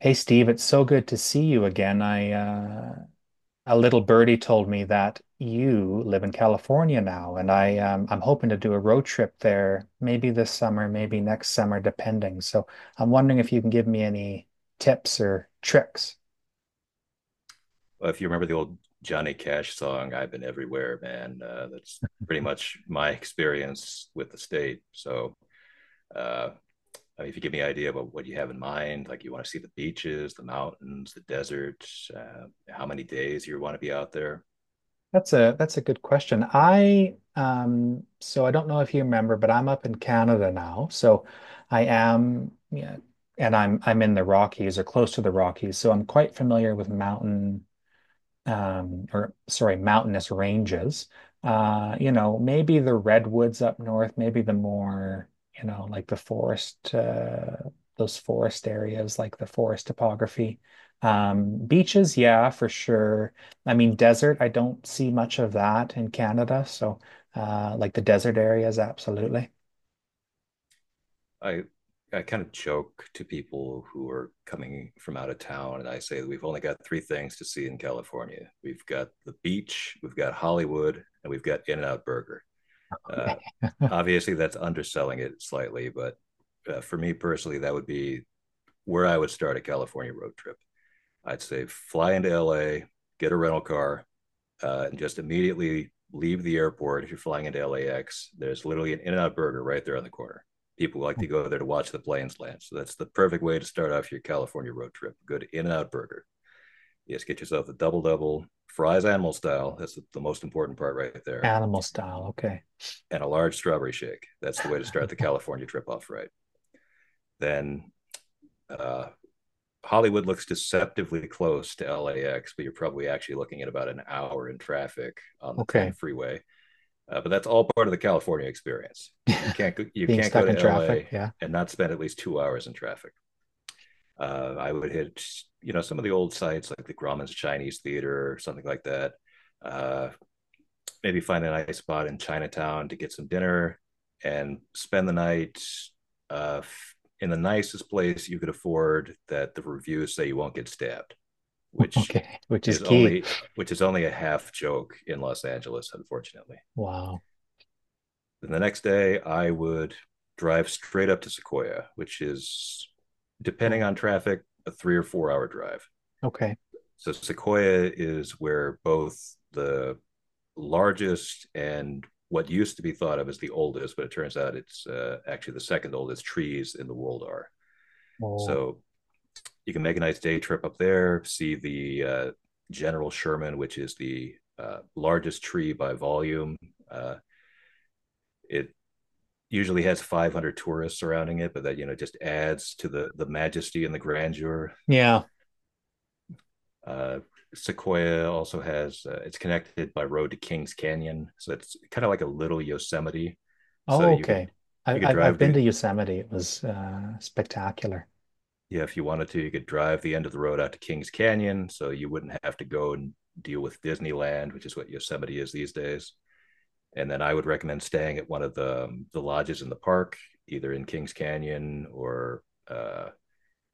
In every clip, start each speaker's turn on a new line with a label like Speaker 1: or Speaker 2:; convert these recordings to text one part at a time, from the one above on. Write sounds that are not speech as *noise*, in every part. Speaker 1: Hey Steve, it's so good to see you again. I A little birdie told me that you live in California now, and I'm hoping to do a road trip there, maybe this summer, maybe next summer, depending. So I'm wondering if you can give me any tips or tricks.
Speaker 2: Well, if you remember the old Johnny Cash song, I've been everywhere, man, that's pretty much my experience with the state. Uh, if you give me an idea about what you have in mind, like you want to see the beaches, the mountains, the desert, how many days you want to be out there.
Speaker 1: That's a good question. I so I don't know if you remember, but I'm up in Canada now. So I am, yeah, and I'm in the Rockies or close to the Rockies, so I'm quite familiar with mountainous ranges. Maybe the redwoods up north, maybe the more, you know, like the forest areas, like the forest topography. Beaches, yeah, for sure. I mean, desert, I don't see much of that in Canada. So, like the desert areas, absolutely.
Speaker 2: I, I kind of joke to people who are coming from out of town, and I say that we've only got three things to see in California. We've got the beach, we've got Hollywood, and we've got In-N-Out Burger. Uh, Obviously, that's underselling it slightly, but for me personally, that would be where I would start a California road trip. I'd say fly into LA, get a rental car, and just immediately leave the airport. If you're flying into LAX, there's literally an In N Out burger right there on the corner. People like to go there to watch the planes land. So that's the perfect way to start off your California road trip. Good In N Out burger. Yes, get yourself a double double, fries animal style. That's the most important part right there.
Speaker 1: Animal style, okay.
Speaker 2: And a large strawberry shake. That's the way to start the California trip off right. Then uh, Hollywood looks deceptively close to LAX, but you're probably actually looking at about an hour in traffic on the 10
Speaker 1: Okay.
Speaker 2: freeway. But that's all part of the California experience.
Speaker 1: *laughs*
Speaker 2: You
Speaker 1: Being
Speaker 2: can't go
Speaker 1: stuck
Speaker 2: to
Speaker 1: in traffic,
Speaker 2: LA
Speaker 1: yeah.
Speaker 2: and not spend at least 2 hours in traffic. I would hit you know some of the old sites like the Grauman's Chinese Theater or something like that. Uh, Maybe find a nice spot in Chinatown to get some dinner and spend the night, uh, in the nicest place you could afford that the reviews say you won't get stabbed, which
Speaker 1: Okay, which is
Speaker 2: is
Speaker 1: key.
Speaker 2: only which is only a half joke in Los Angeles, unfortunately.
Speaker 1: Wow.
Speaker 2: Then the next day, I would drive straight up to Sequoia, which is, depending
Speaker 1: Cool.
Speaker 2: on traffic, a 3 or 4 hour drive.
Speaker 1: Okay.
Speaker 2: So Sequoia is where both the largest and what used to be thought of as the oldest, but it turns out it's actually the second oldest trees in the world are.
Speaker 1: Oh.
Speaker 2: So you can make a nice day trip up there, see the General Sherman, which is the largest tree by volume. Uh, it usually has 500 tourists surrounding it, but that you know just adds to the majesty and the grandeur.
Speaker 1: Yeah.
Speaker 2: Uh, Sequoia also has, it's connected by road to Kings Canyon, so it's kind of like a little Yosemite. So
Speaker 1: Oh, okay. I,
Speaker 2: you could
Speaker 1: I've I've
Speaker 2: drive
Speaker 1: been
Speaker 2: to
Speaker 1: to Yosemite. It was spectacular.
Speaker 2: Yeah, if you wanted to you could drive the end of the road out to Kings Canyon, so you wouldn't have to go and deal with Disneyland, which is what Yosemite is these days. And then I would recommend staying at one of the lodges in the park, either in Kings Canyon or, uh,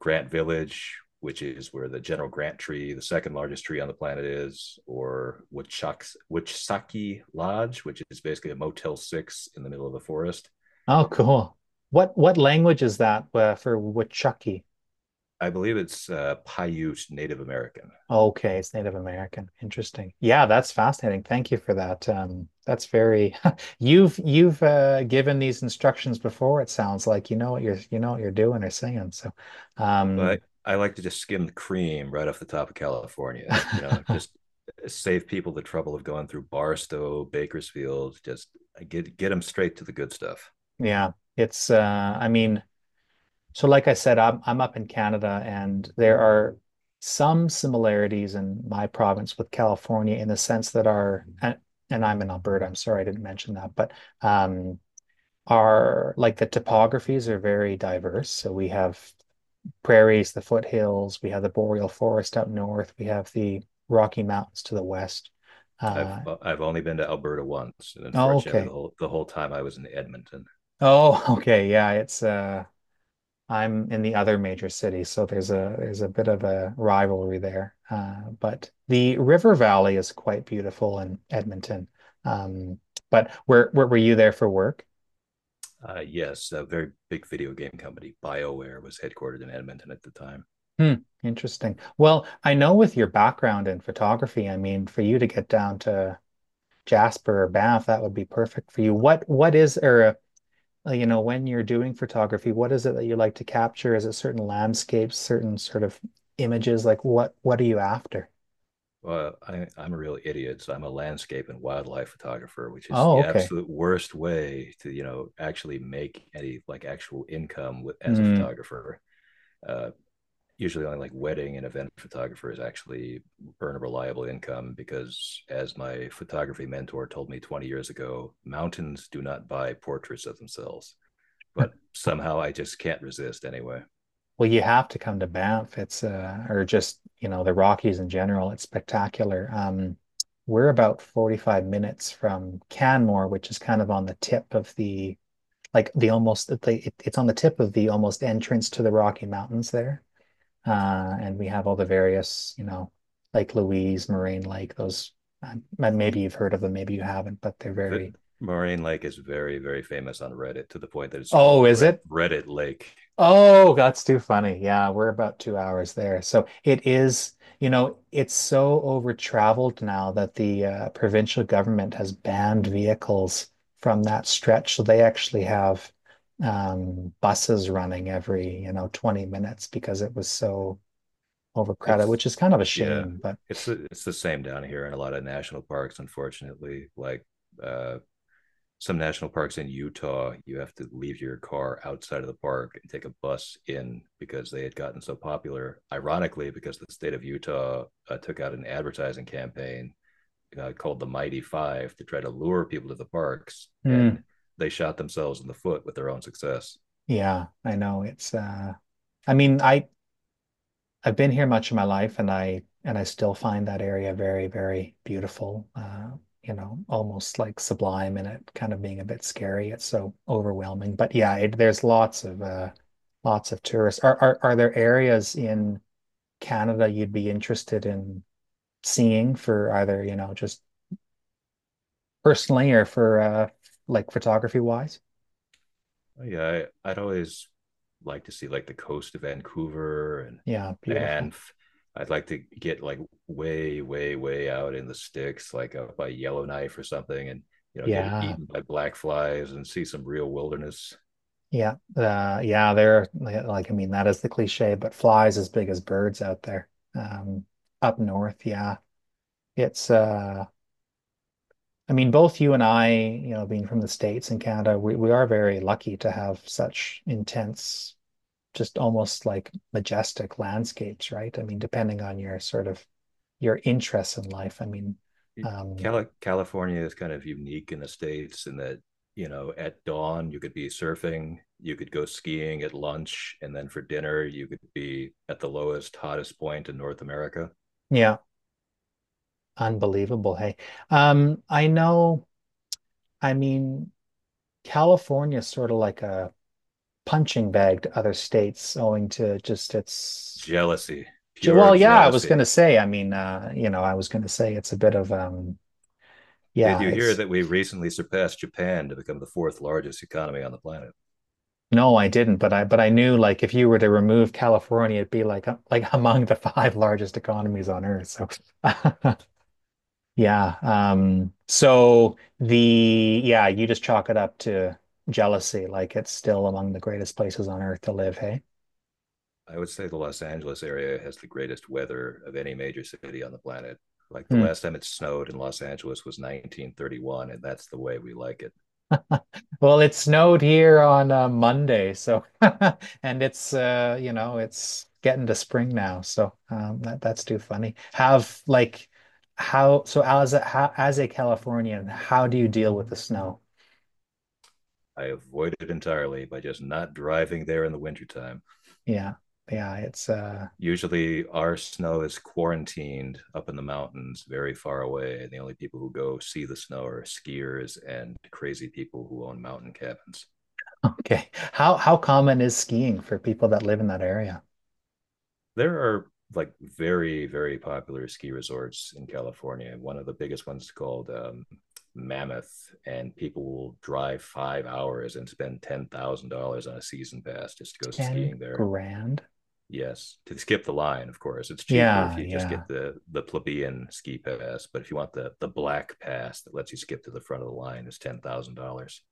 Speaker 2: Grant Village, which is where the General Grant tree, the second largest tree on the planet, is, or Wichsaki Lodge, which is basically a Motel 6 in the middle of the forest.
Speaker 1: Oh, cool. What language is that for Wichaki?
Speaker 2: I believe it's Paiute Native American,
Speaker 1: Okay, it's Native American. Interesting. Yeah, that's fascinating. Thank you for that. That's very. *laughs* You've given these instructions before. It sounds like you know what you're doing or saying. So,
Speaker 2: but
Speaker 1: um,
Speaker 2: I like to just skim the cream right off the top of California, you know,
Speaker 1: *laughs*
Speaker 2: just save people the trouble of going through Barstow, Bakersfield, just get them straight to the good stuff.
Speaker 1: yeah, it's. I mean. So, like I said, I'm up in Canada, and there are some similarities in my province with California in the sense that our and I'm in Alberta. I'm sorry I didn't mention that, but um, our like the topographies are very diverse. So we have prairies, the foothills, we have the boreal forest up north, we have the Rocky Mountains to the west. Uh,
Speaker 2: I've only been to Alberta once, and
Speaker 1: oh,
Speaker 2: unfortunately,
Speaker 1: okay.
Speaker 2: the whole time I was in Edmonton.
Speaker 1: Oh, *laughs* okay. Yeah, it's I'm in the other major city, so there's a bit of a rivalry there. But the river valley is quite beautiful in Edmonton. Um, but where were you there for work?
Speaker 2: Yes, a very big video game company, BioWare, was headquartered in Edmonton at the time.
Speaker 1: Hmm, interesting. Well, I know with your background in photography, I mean, for you to get down to Jasper or Banff, that would be perfect for you. What is or you know, when you're doing photography, what is it that you like to capture? Is it certain landscapes, certain sort of images? Like what are you after?
Speaker 2: Well, I'm a real idiot. So I'm a landscape and wildlife photographer, which is
Speaker 1: Oh,
Speaker 2: the
Speaker 1: okay.
Speaker 2: absolute worst way to, you know, actually make any like actual income with, as a
Speaker 1: Mm.
Speaker 2: photographer. Uh, Usually only like wedding and event photographers actually earn a reliable income because as my photography mentor told me 20 years ago, mountains do not buy portraits of themselves. But somehow I just can't resist anyway.
Speaker 1: Well, you have to come to Banff. It's or just, you know, the Rockies in general. It's spectacular. We're about 45 minutes from Canmore, which is kind of on the tip of the like the almost it's on the tip of the almost entrance to the Rocky Mountains there. And we have all the various, you know, Lake Louise, Moraine Lake, those maybe you've heard of them, maybe you haven't, but they're
Speaker 2: The
Speaker 1: very,
Speaker 2: Moraine Lake is very, very famous on Reddit to the point that it's called
Speaker 1: oh, is it?
Speaker 2: Reddit Lake.
Speaker 1: Oh, that's too funny. Yeah, we're about 2 hours there. So it is, you know, it's so over traveled now that the provincial government has banned vehicles from that stretch. So they actually have buses running every, you know, 20 minutes because it was so overcrowded,
Speaker 2: It's
Speaker 1: which is kind of a
Speaker 2: yeah,
Speaker 1: shame. But
Speaker 2: it's the same down here in a lot of national parks. Unfortunately, like, uh, some national parks in Utah, you have to leave your car outside of the park and take a bus in because they had gotten so popular. Ironically, because the state of Utah took out an advertising campaign called the Mighty Five to try to lure people to the parks,
Speaker 1: mm,
Speaker 2: and they shot themselves in the foot with their own success.
Speaker 1: yeah, I know it's, I mean, I, I've been here much of my life, and I still find that area very, very beautiful. You know, almost like sublime, and it kind of being a bit scary. It's so overwhelming. But there's lots of tourists. Are there areas in Canada you'd be interested in seeing for either, you know, just personally or for like photography wise?
Speaker 2: Oh, yeah, I'd always like to see like the coast of Vancouver and
Speaker 1: Yeah, beautiful.
Speaker 2: Banff. I'd like to get like way, way, way out in the sticks, like out by Yellowknife or something, and you know, get
Speaker 1: Yeah.
Speaker 2: eaten by black flies and see some real wilderness.
Speaker 1: Yeah, they're like, I mean, that is the cliche, but flies as big as birds out there. Um, Up north, yeah. It's, uh, I mean, both you and I, you know, being from the States and Canada, we are very lucky to have such intense, just almost like majestic landscapes, right? I mean, depending on your sort of your interests in life. I mean, um,
Speaker 2: California is kind of unique in the states in that you know at dawn you could be surfing, you could go skiing at lunch, and then for dinner you could be at the lowest, hottest point in North America.
Speaker 1: yeah, unbelievable. Hey, I know, I mean, California is sort of like a punching bag to other states owing to just its
Speaker 2: Jealousy, pure
Speaker 1: well, yeah, I was gonna
Speaker 2: jealousy.
Speaker 1: say, I mean, you know, I was gonna say it's a bit of
Speaker 2: Did
Speaker 1: yeah,
Speaker 2: you hear
Speaker 1: it's
Speaker 2: that we recently surpassed Japan to become the fourth largest economy on the planet?
Speaker 1: no, I didn't, but I knew, like, if you were to remove California, it'd be like, like *laughs* among the five largest economies on earth, so *laughs* yeah, so the yeah, you just chalk it up to jealousy. Like, it's still among the greatest places on earth to live, hey.
Speaker 2: I would say the Los Angeles area has the greatest weather of any major city on the planet. Like the
Speaker 1: Hmm.
Speaker 2: last time it snowed in Los Angeles was 1931, and that's the way we like it.
Speaker 1: Well, it snowed here on Monday, so *laughs* and it's you know, it's getting to spring now, so that's too funny. Have like how so as a how, as a Californian, how do you deal with the snow?
Speaker 2: I avoid it entirely by just not driving there in the wintertime.
Speaker 1: Yeah. Yeah, it's
Speaker 2: Usually, our snow is quarantined up in the mountains, very far away, and the only people who go see the snow are skiers and crazy people who own mountain cabins.
Speaker 1: *laughs* okay. How common is skiing for people that live in that area?
Speaker 2: There are like very very popular ski resorts in California. One of the biggest ones is called Mammoth, and people will drive 5 hours and spend $10,000 on a season pass just to go
Speaker 1: 10
Speaker 2: skiing there.
Speaker 1: grand?
Speaker 2: Yes, to skip the line, of course, it's cheaper if
Speaker 1: Yeah,
Speaker 2: you just get
Speaker 1: yeah.
Speaker 2: the plebeian ski pass. But if you want the black pass that lets you skip to the front of the line, it's $10,000.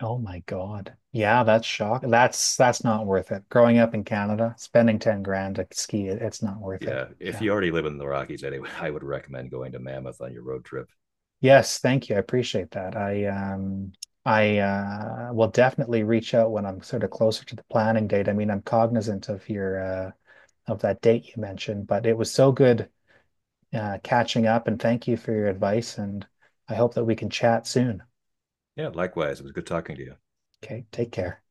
Speaker 1: Oh my God. Yeah, that's shock. That's not worth it. Growing up in Canada, spending 10 grand to ski, it's not worth it.
Speaker 2: Yeah, if
Speaker 1: Yeah.
Speaker 2: you already live in the Rockies anyway, *laughs* I would recommend going to Mammoth on your road trip.
Speaker 1: Yes, thank you. I appreciate that. I will definitely reach out when I'm sort of closer to the planning date. I mean, I'm cognizant of your of that date you mentioned, but it was so good catching up, and thank you for your advice, and I hope that we can chat soon.
Speaker 2: Yeah, likewise, it was good talking to you.
Speaker 1: Okay, take care.